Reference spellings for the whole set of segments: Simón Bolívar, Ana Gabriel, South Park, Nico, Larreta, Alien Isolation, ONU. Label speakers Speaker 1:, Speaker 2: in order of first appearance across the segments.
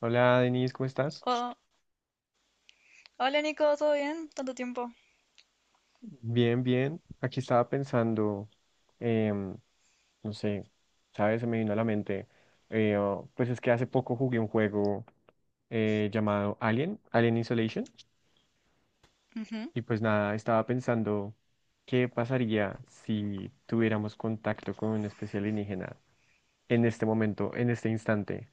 Speaker 1: Hola Denise, ¿cómo estás?
Speaker 2: Oh, hola Nico, ¿todo bien? Tanto tiempo.
Speaker 1: Bien, bien. Aquí estaba pensando, em, no sé, ¿sabes? Se me vino a la mente. Oh, pues es que hace poco jugué un juego llamado Alien, Alien Isolation.
Speaker 2: Ujú.
Speaker 1: Y pues nada, estaba pensando qué pasaría si tuviéramos contacto con una especie alienígena en este momento, en este instante.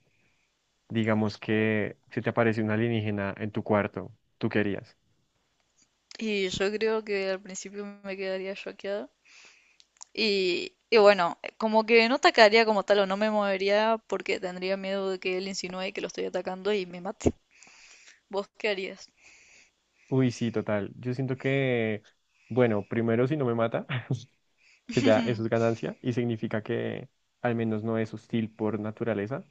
Speaker 1: Digamos que si te aparece un alienígena en tu cuarto, ¿tú qué harías?
Speaker 2: Y yo creo que al principio me quedaría choqueada. Y bueno, como que no atacaría como tal o no me movería porque tendría miedo de que él insinúe que lo estoy atacando y me mate. ¿Vos qué harías?
Speaker 1: Uy, sí, total. Yo siento que, bueno, primero si no me mata. Que ya eso es ganancia y significa que al menos no es hostil por naturaleza.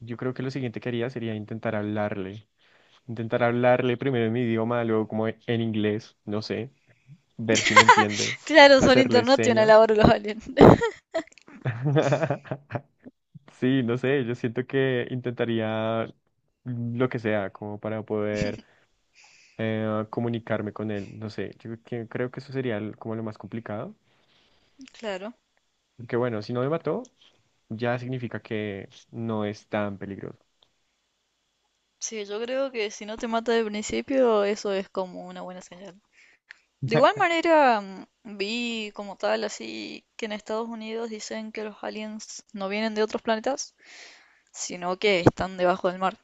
Speaker 1: Yo creo que lo siguiente que haría sería intentar hablarle primero en mi idioma, luego como en inglés, no sé, ver si me entiende,
Speaker 2: Claro, son
Speaker 1: hacerle
Speaker 2: internacional
Speaker 1: señas.
Speaker 2: ahora los aliens.
Speaker 1: Sí, no sé, yo siento que intentaría lo que sea como para poder comunicarme con él, no sé, creo que eso sería como lo más complicado,
Speaker 2: Claro.
Speaker 1: que bueno, si no me mató, ya significa que no es tan peligroso.
Speaker 2: Sí, yo creo que si no te mata de principio, eso es como una buena señal. De igual manera, vi como tal, así que en Estados Unidos dicen que los aliens no vienen de otros planetas, sino que están debajo del mar.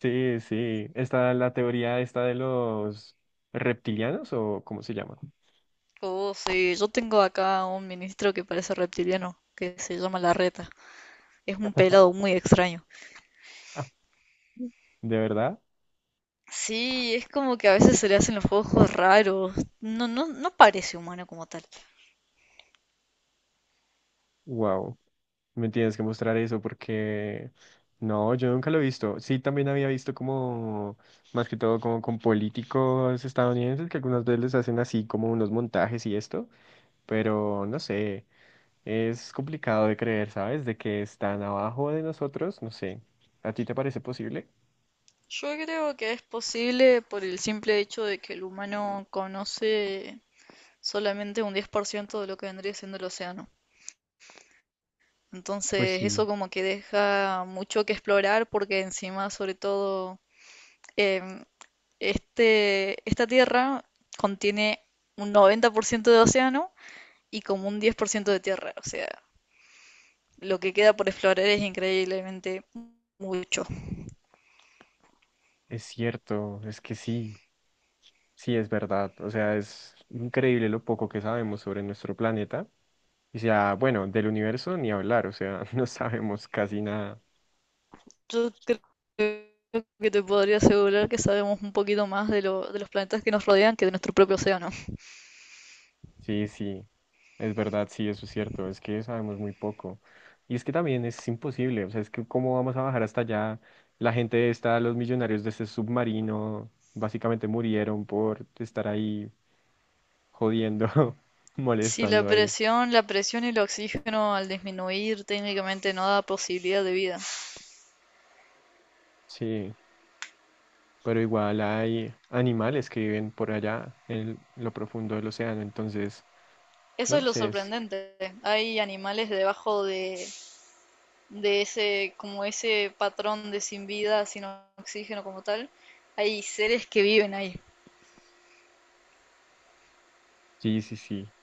Speaker 1: Sí, sí. Está la teoría esta de los reptilianos o cómo se llama.
Speaker 2: Oh, sí, yo tengo acá un ministro que parece reptiliano, que se llama Larreta. Es un pelado muy extraño.
Speaker 1: ¿De verdad?
Speaker 2: Sí, es como que a veces se le hacen los ojos raros. No, no, no parece humano como tal.
Speaker 1: Wow. Me tienes que mostrar eso porque no, yo nunca lo he visto. Sí, también había visto como, más que todo, como con políticos estadounidenses que algunas veces les hacen así como unos montajes y esto, pero no sé. Es complicado de creer, ¿sabes? De que están abajo de nosotros, no sé. ¿A ti te parece posible?
Speaker 2: Yo creo que es posible por el simple hecho de que el humano conoce solamente un 10% de lo que vendría siendo el océano.
Speaker 1: Pues
Speaker 2: Entonces,
Speaker 1: sí,
Speaker 2: eso como que deja mucho que explorar porque encima, sobre todo, em, esta tierra contiene un 90% de océano y como un 10% de tierra. O sea, lo que queda por explorar es increíblemente mucho.
Speaker 1: es cierto, es que sí, sí es verdad. O sea, es increíble lo poco que sabemos sobre nuestro planeta. Y sea, bueno, del universo ni hablar, o sea, no sabemos casi nada.
Speaker 2: Yo creo que te podría asegurar que sabemos un poquito más de los planetas que nos rodean que de nuestro propio océano.
Speaker 1: Sí, sí, es verdad, sí, eso es cierto, es que sabemos muy poco. Y es que también es imposible, o sea, es que cómo vamos a bajar hasta allá. La gente está, los millonarios de ese submarino, básicamente murieron por estar ahí jodiendo,
Speaker 2: Si la
Speaker 1: molestando ahí.
Speaker 2: presión, la presión y el oxígeno al disminuir técnicamente no da posibilidad de vida.
Speaker 1: Sí, pero igual hay animales que viven por allá, en lo profundo del océano, entonces, no
Speaker 2: Eso es
Speaker 1: lo
Speaker 2: lo
Speaker 1: sé, es-
Speaker 2: sorprendente. Hay animales debajo de ese, como ese patrón de sin vida, sin oxígeno como tal, hay seres que viven ahí.
Speaker 1: sí, sí, sí.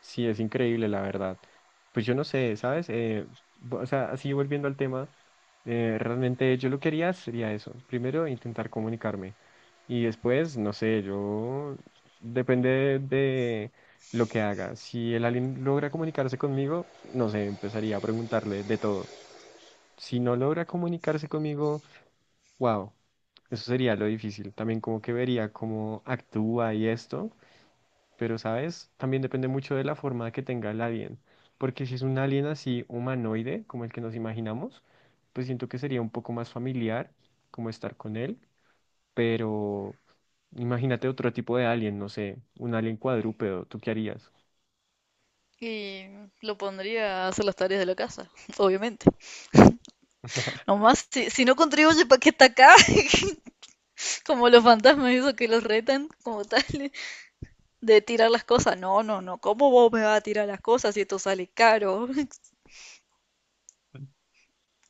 Speaker 1: Sí, es increíble, la verdad. Pues yo no sé, ¿sabes? O sea, así volviendo al tema, realmente yo lo que haría sería eso. Primero, intentar comunicarme. Y después, no sé, yo... Depende de lo que haga. Si el alien logra comunicarse conmigo, no sé, empezaría a preguntarle de todo. Si no logra comunicarse conmigo, wow, eso sería lo difícil. También como que vería cómo actúa y esto. Pero, ¿sabes? También depende mucho de la forma que tenga el alien. Porque si es un alien así humanoide, como el que nos imaginamos, pues siento que sería un poco más familiar como estar con él. Pero imagínate otro tipo de alien, no sé, un alien cuadrúpedo, ¿tú qué harías?
Speaker 2: Y lo pondría a hacer las tareas de la casa, obviamente. Nomás, si no contribuye para que está acá, como los fantasmas esos que los retan, como tal, de tirar las cosas. No, no, no, ¿cómo vos me vas a tirar las cosas si esto sale caro?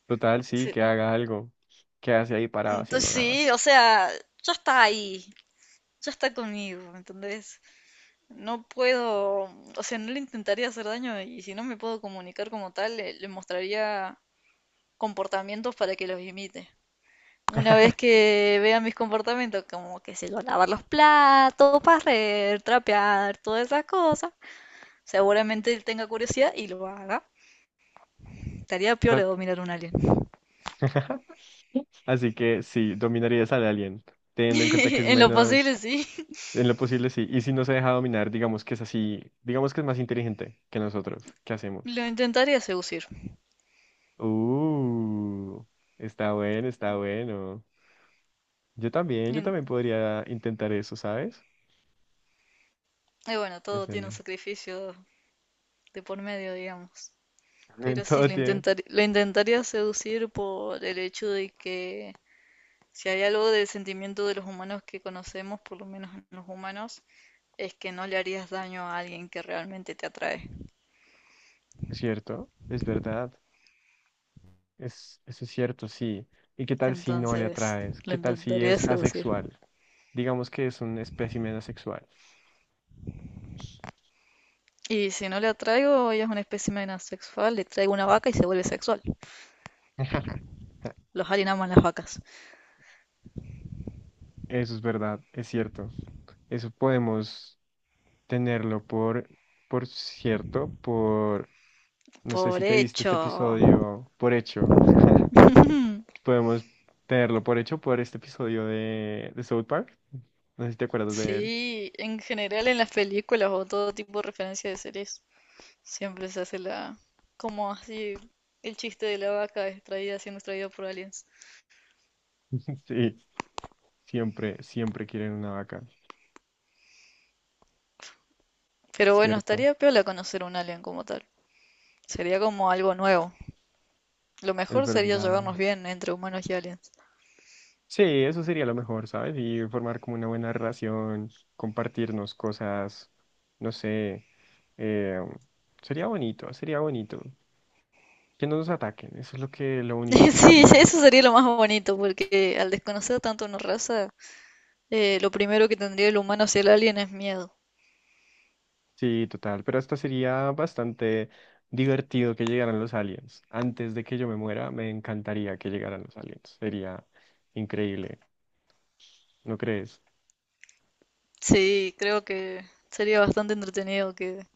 Speaker 1: Total, sí, que haga algo. Que hace ahí parado haciendo
Speaker 2: Entonces,
Speaker 1: nada.
Speaker 2: sí, o sea, ya está ahí, ya está conmigo, ¿entendés? No puedo, o sea, no le intentaría hacer daño y si no me puedo comunicar como tal, le mostraría comportamientos para que los imite. Una vez que vea mis comportamientos, como que se lo lavar los platos, barrer, trapear, todas esas cosas, seguramente él tenga curiosidad y lo haga. Estaría peor de dominar un alien.
Speaker 1: Así que sí, dominarías al alien, teniendo en cuenta que es
Speaker 2: En lo
Speaker 1: menos.
Speaker 2: posible, sí.
Speaker 1: En lo posible sí. Y si no se deja dominar, digamos que es así, digamos que es más inteligente que nosotros. ¿Qué hacemos?
Speaker 2: Lo intentaría seducir.
Speaker 1: Uh, está bueno, está bueno. Yo
Speaker 2: Y,
Speaker 1: también podría intentar eso, ¿sabes?
Speaker 2: y bueno, todo tiene un
Speaker 1: Depende.
Speaker 2: sacrificio de por medio, digamos.
Speaker 1: En
Speaker 2: Pero sí,
Speaker 1: todo tiene-
Speaker 2: lo intentaría seducir por el hecho de que si hay algo del sentimiento de los humanos que conocemos, por lo menos en los humanos, es que no le harías daño a alguien que realmente te atrae.
Speaker 1: Es cierto, es verdad. Es, eso es cierto, sí. ¿Y qué tal si no le
Speaker 2: Entonces,
Speaker 1: atraes?
Speaker 2: lo
Speaker 1: ¿Qué tal si
Speaker 2: intentaría
Speaker 1: es
Speaker 2: seducir.
Speaker 1: asexual? Digamos que es un espécimen asexual.
Speaker 2: Y si no le atraigo, ella es una especie asexual, le traigo una vaca y se vuelve sexual. Los aliens aman las vacas.
Speaker 1: Eso es verdad, es cierto. Eso podemos. Tenerlo por cierto, por, no sé
Speaker 2: Por
Speaker 1: si te viste este
Speaker 2: hecho.
Speaker 1: episodio por hecho, podemos tenerlo por hecho por este episodio de South Park, no sé si te acuerdas de él.
Speaker 2: Sí, en general en las películas o todo tipo de referencia de series siempre se hace la... Como así, el chiste de la vaca extraída siendo extraída por aliens.
Speaker 1: Sí, siempre quieren una vaca,
Speaker 2: Pero bueno,
Speaker 1: cierto,
Speaker 2: estaría piola conocer un alien como tal. Sería como algo nuevo. Lo
Speaker 1: es
Speaker 2: mejor sería
Speaker 1: verdad.
Speaker 2: llevarnos bien entre humanos y aliens.
Speaker 1: Sí, eso sería lo mejor, ¿sabes? Y formar como una buena relación, compartirnos cosas, no sé, eh, sería bonito, sería bonito. Que no nos ataquen, eso es lo que, lo único que yo
Speaker 2: Sí,
Speaker 1: pido.
Speaker 2: eso sería lo más bonito, porque al desconocer tanto una raza, lo primero que tendría el humano hacia el alien es miedo.
Speaker 1: Sí, total, pero hasta sería bastante divertido que llegaran los aliens. Antes de que yo me muera, me encantaría que llegaran los aliens. Sería increíble, ¿no crees?
Speaker 2: Sí, creo que sería bastante entretenido que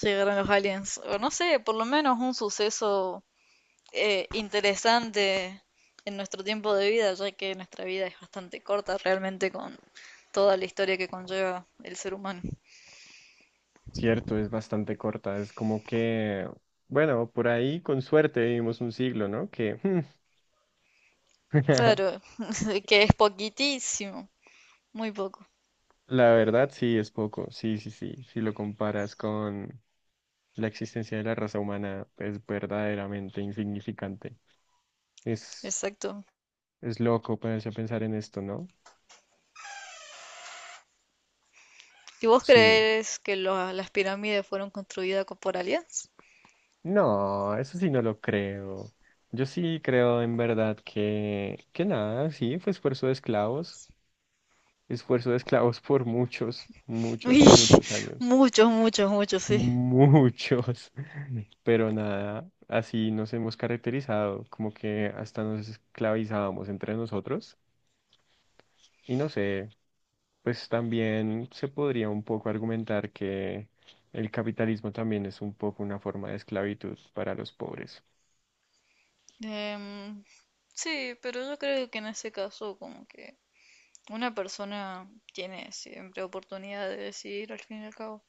Speaker 2: llegaran los aliens. O no sé, por lo menos un suceso interesante en nuestro tiempo de vida, ya que nuestra vida es bastante corta realmente con toda la historia que conlleva el ser humano.
Speaker 1: Cierto, es bastante corta, es como que, bueno, por ahí con suerte vivimos un siglo, ¿no? Que hmm,
Speaker 2: Claro, que es poquitísimo, muy poco,
Speaker 1: la verdad sí es poco, sí, sí, sí, si lo comparas con la existencia de la raza humana, es verdaderamente insignificante. Es,
Speaker 2: exacto.
Speaker 1: es loco ponerse a pensar en esto, ¿no?
Speaker 2: ¿Y vos
Speaker 1: Sí.
Speaker 2: crees que las pirámides fueron construidas por aliens?
Speaker 1: No, eso sí no lo creo. Yo sí creo en verdad que nada, sí, fue esfuerzo de esclavos por muchos,
Speaker 2: Uy,
Speaker 1: muchos, muchos años,
Speaker 2: muchos, muchos, muchos, sí.
Speaker 1: muchos, pero nada, así nos hemos caracterizado, como que hasta nos esclavizábamos entre nosotros y no sé, pues también se podría un poco argumentar que el capitalismo también es un poco una forma de esclavitud para los pobres.
Speaker 2: Em, sí, pero yo creo que en ese caso como que una persona tiene siempre oportunidad de decidir al fin y al cabo.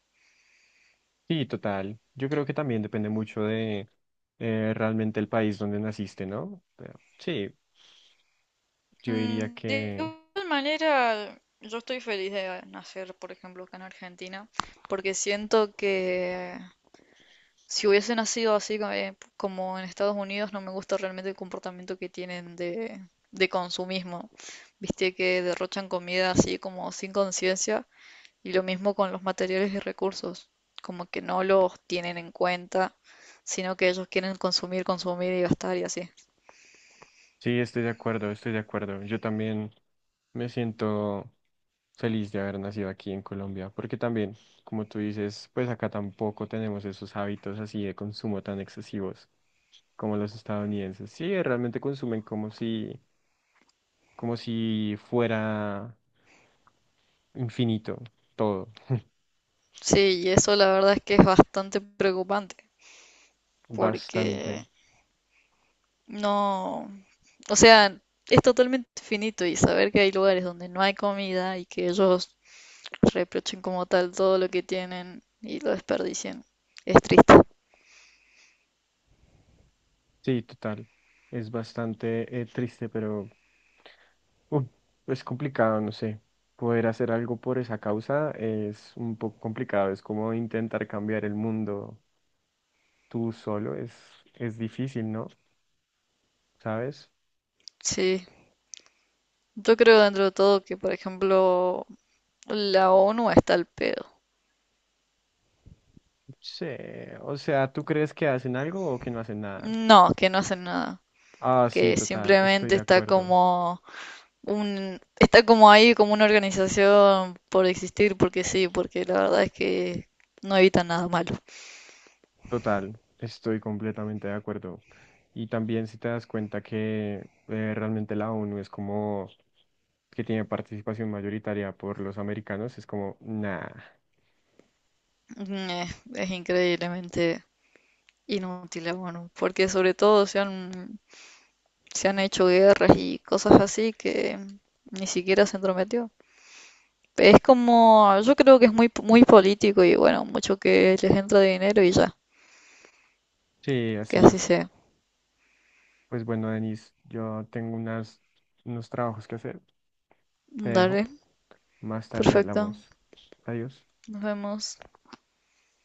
Speaker 1: Sí, total. Yo creo que también depende mucho de realmente el país donde naciste, ¿no? Pero sí, yo diría
Speaker 2: De
Speaker 1: que
Speaker 2: igual manera, yo estoy feliz de nacer, por ejemplo, acá en Argentina, porque siento que si hubiese nacido como en Estados Unidos, no me gusta realmente el comportamiento que tienen de consumismo. Viste que derrochan comida así como sin conciencia, y lo mismo con los materiales y recursos, como que no los tienen en cuenta, sino que ellos quieren consumir, consumir y gastar y así.
Speaker 1: sí, estoy de acuerdo. Yo también me siento feliz de haber nacido aquí en Colombia, porque también, como tú dices, pues acá tampoco tenemos esos hábitos así de consumo tan excesivos como los estadounidenses. Sí, realmente consumen como si fuera infinito todo,
Speaker 2: Sí, y eso la verdad es que es bastante preocupante, porque
Speaker 1: bastante.
Speaker 2: no, o sea, es totalmente finito y saber que hay lugares donde no hay comida y que ellos reprochen como tal todo lo que tienen y lo desperdicien es triste.
Speaker 1: Sí, total. Es bastante triste, pero uf, es complicado, no sé. Poder hacer algo por esa causa es un poco complicado. Es como intentar cambiar el mundo tú solo. Es difícil, ¿no? ¿Sabes?
Speaker 2: Sí, yo creo dentro de todo que, por ejemplo, la ONU está al pedo.
Speaker 1: Sí. O sea, ¿tú crees que hacen algo o que no hacen nada?
Speaker 2: No, que no hacen nada,
Speaker 1: Ah, sí,
Speaker 2: que
Speaker 1: total. Estoy
Speaker 2: simplemente
Speaker 1: de
Speaker 2: está
Speaker 1: acuerdo.
Speaker 2: como un, está como ahí como una organización por existir, porque sí, porque la verdad es que no evita nada malo.
Speaker 1: Total, estoy completamente de acuerdo. Y también si te das cuenta que realmente la ONU es como que tiene participación mayoritaria por los americanos, es como, nah.
Speaker 2: Eh, es increíblemente inútil, bueno, porque sobre todo se han hecho guerras y cosas así que ni siquiera se entrometió. Es como, yo creo que es muy político y bueno, mucho que les entra de dinero y ya,
Speaker 1: Sí,
Speaker 2: que
Speaker 1: así
Speaker 2: así
Speaker 1: es.
Speaker 2: sea.
Speaker 1: Pues bueno, Denis, yo tengo unas, unos trabajos que hacer. Te dejo.
Speaker 2: Dale,
Speaker 1: Más tarde
Speaker 2: perfecto,
Speaker 1: hablamos. Adiós.
Speaker 2: nos vemos.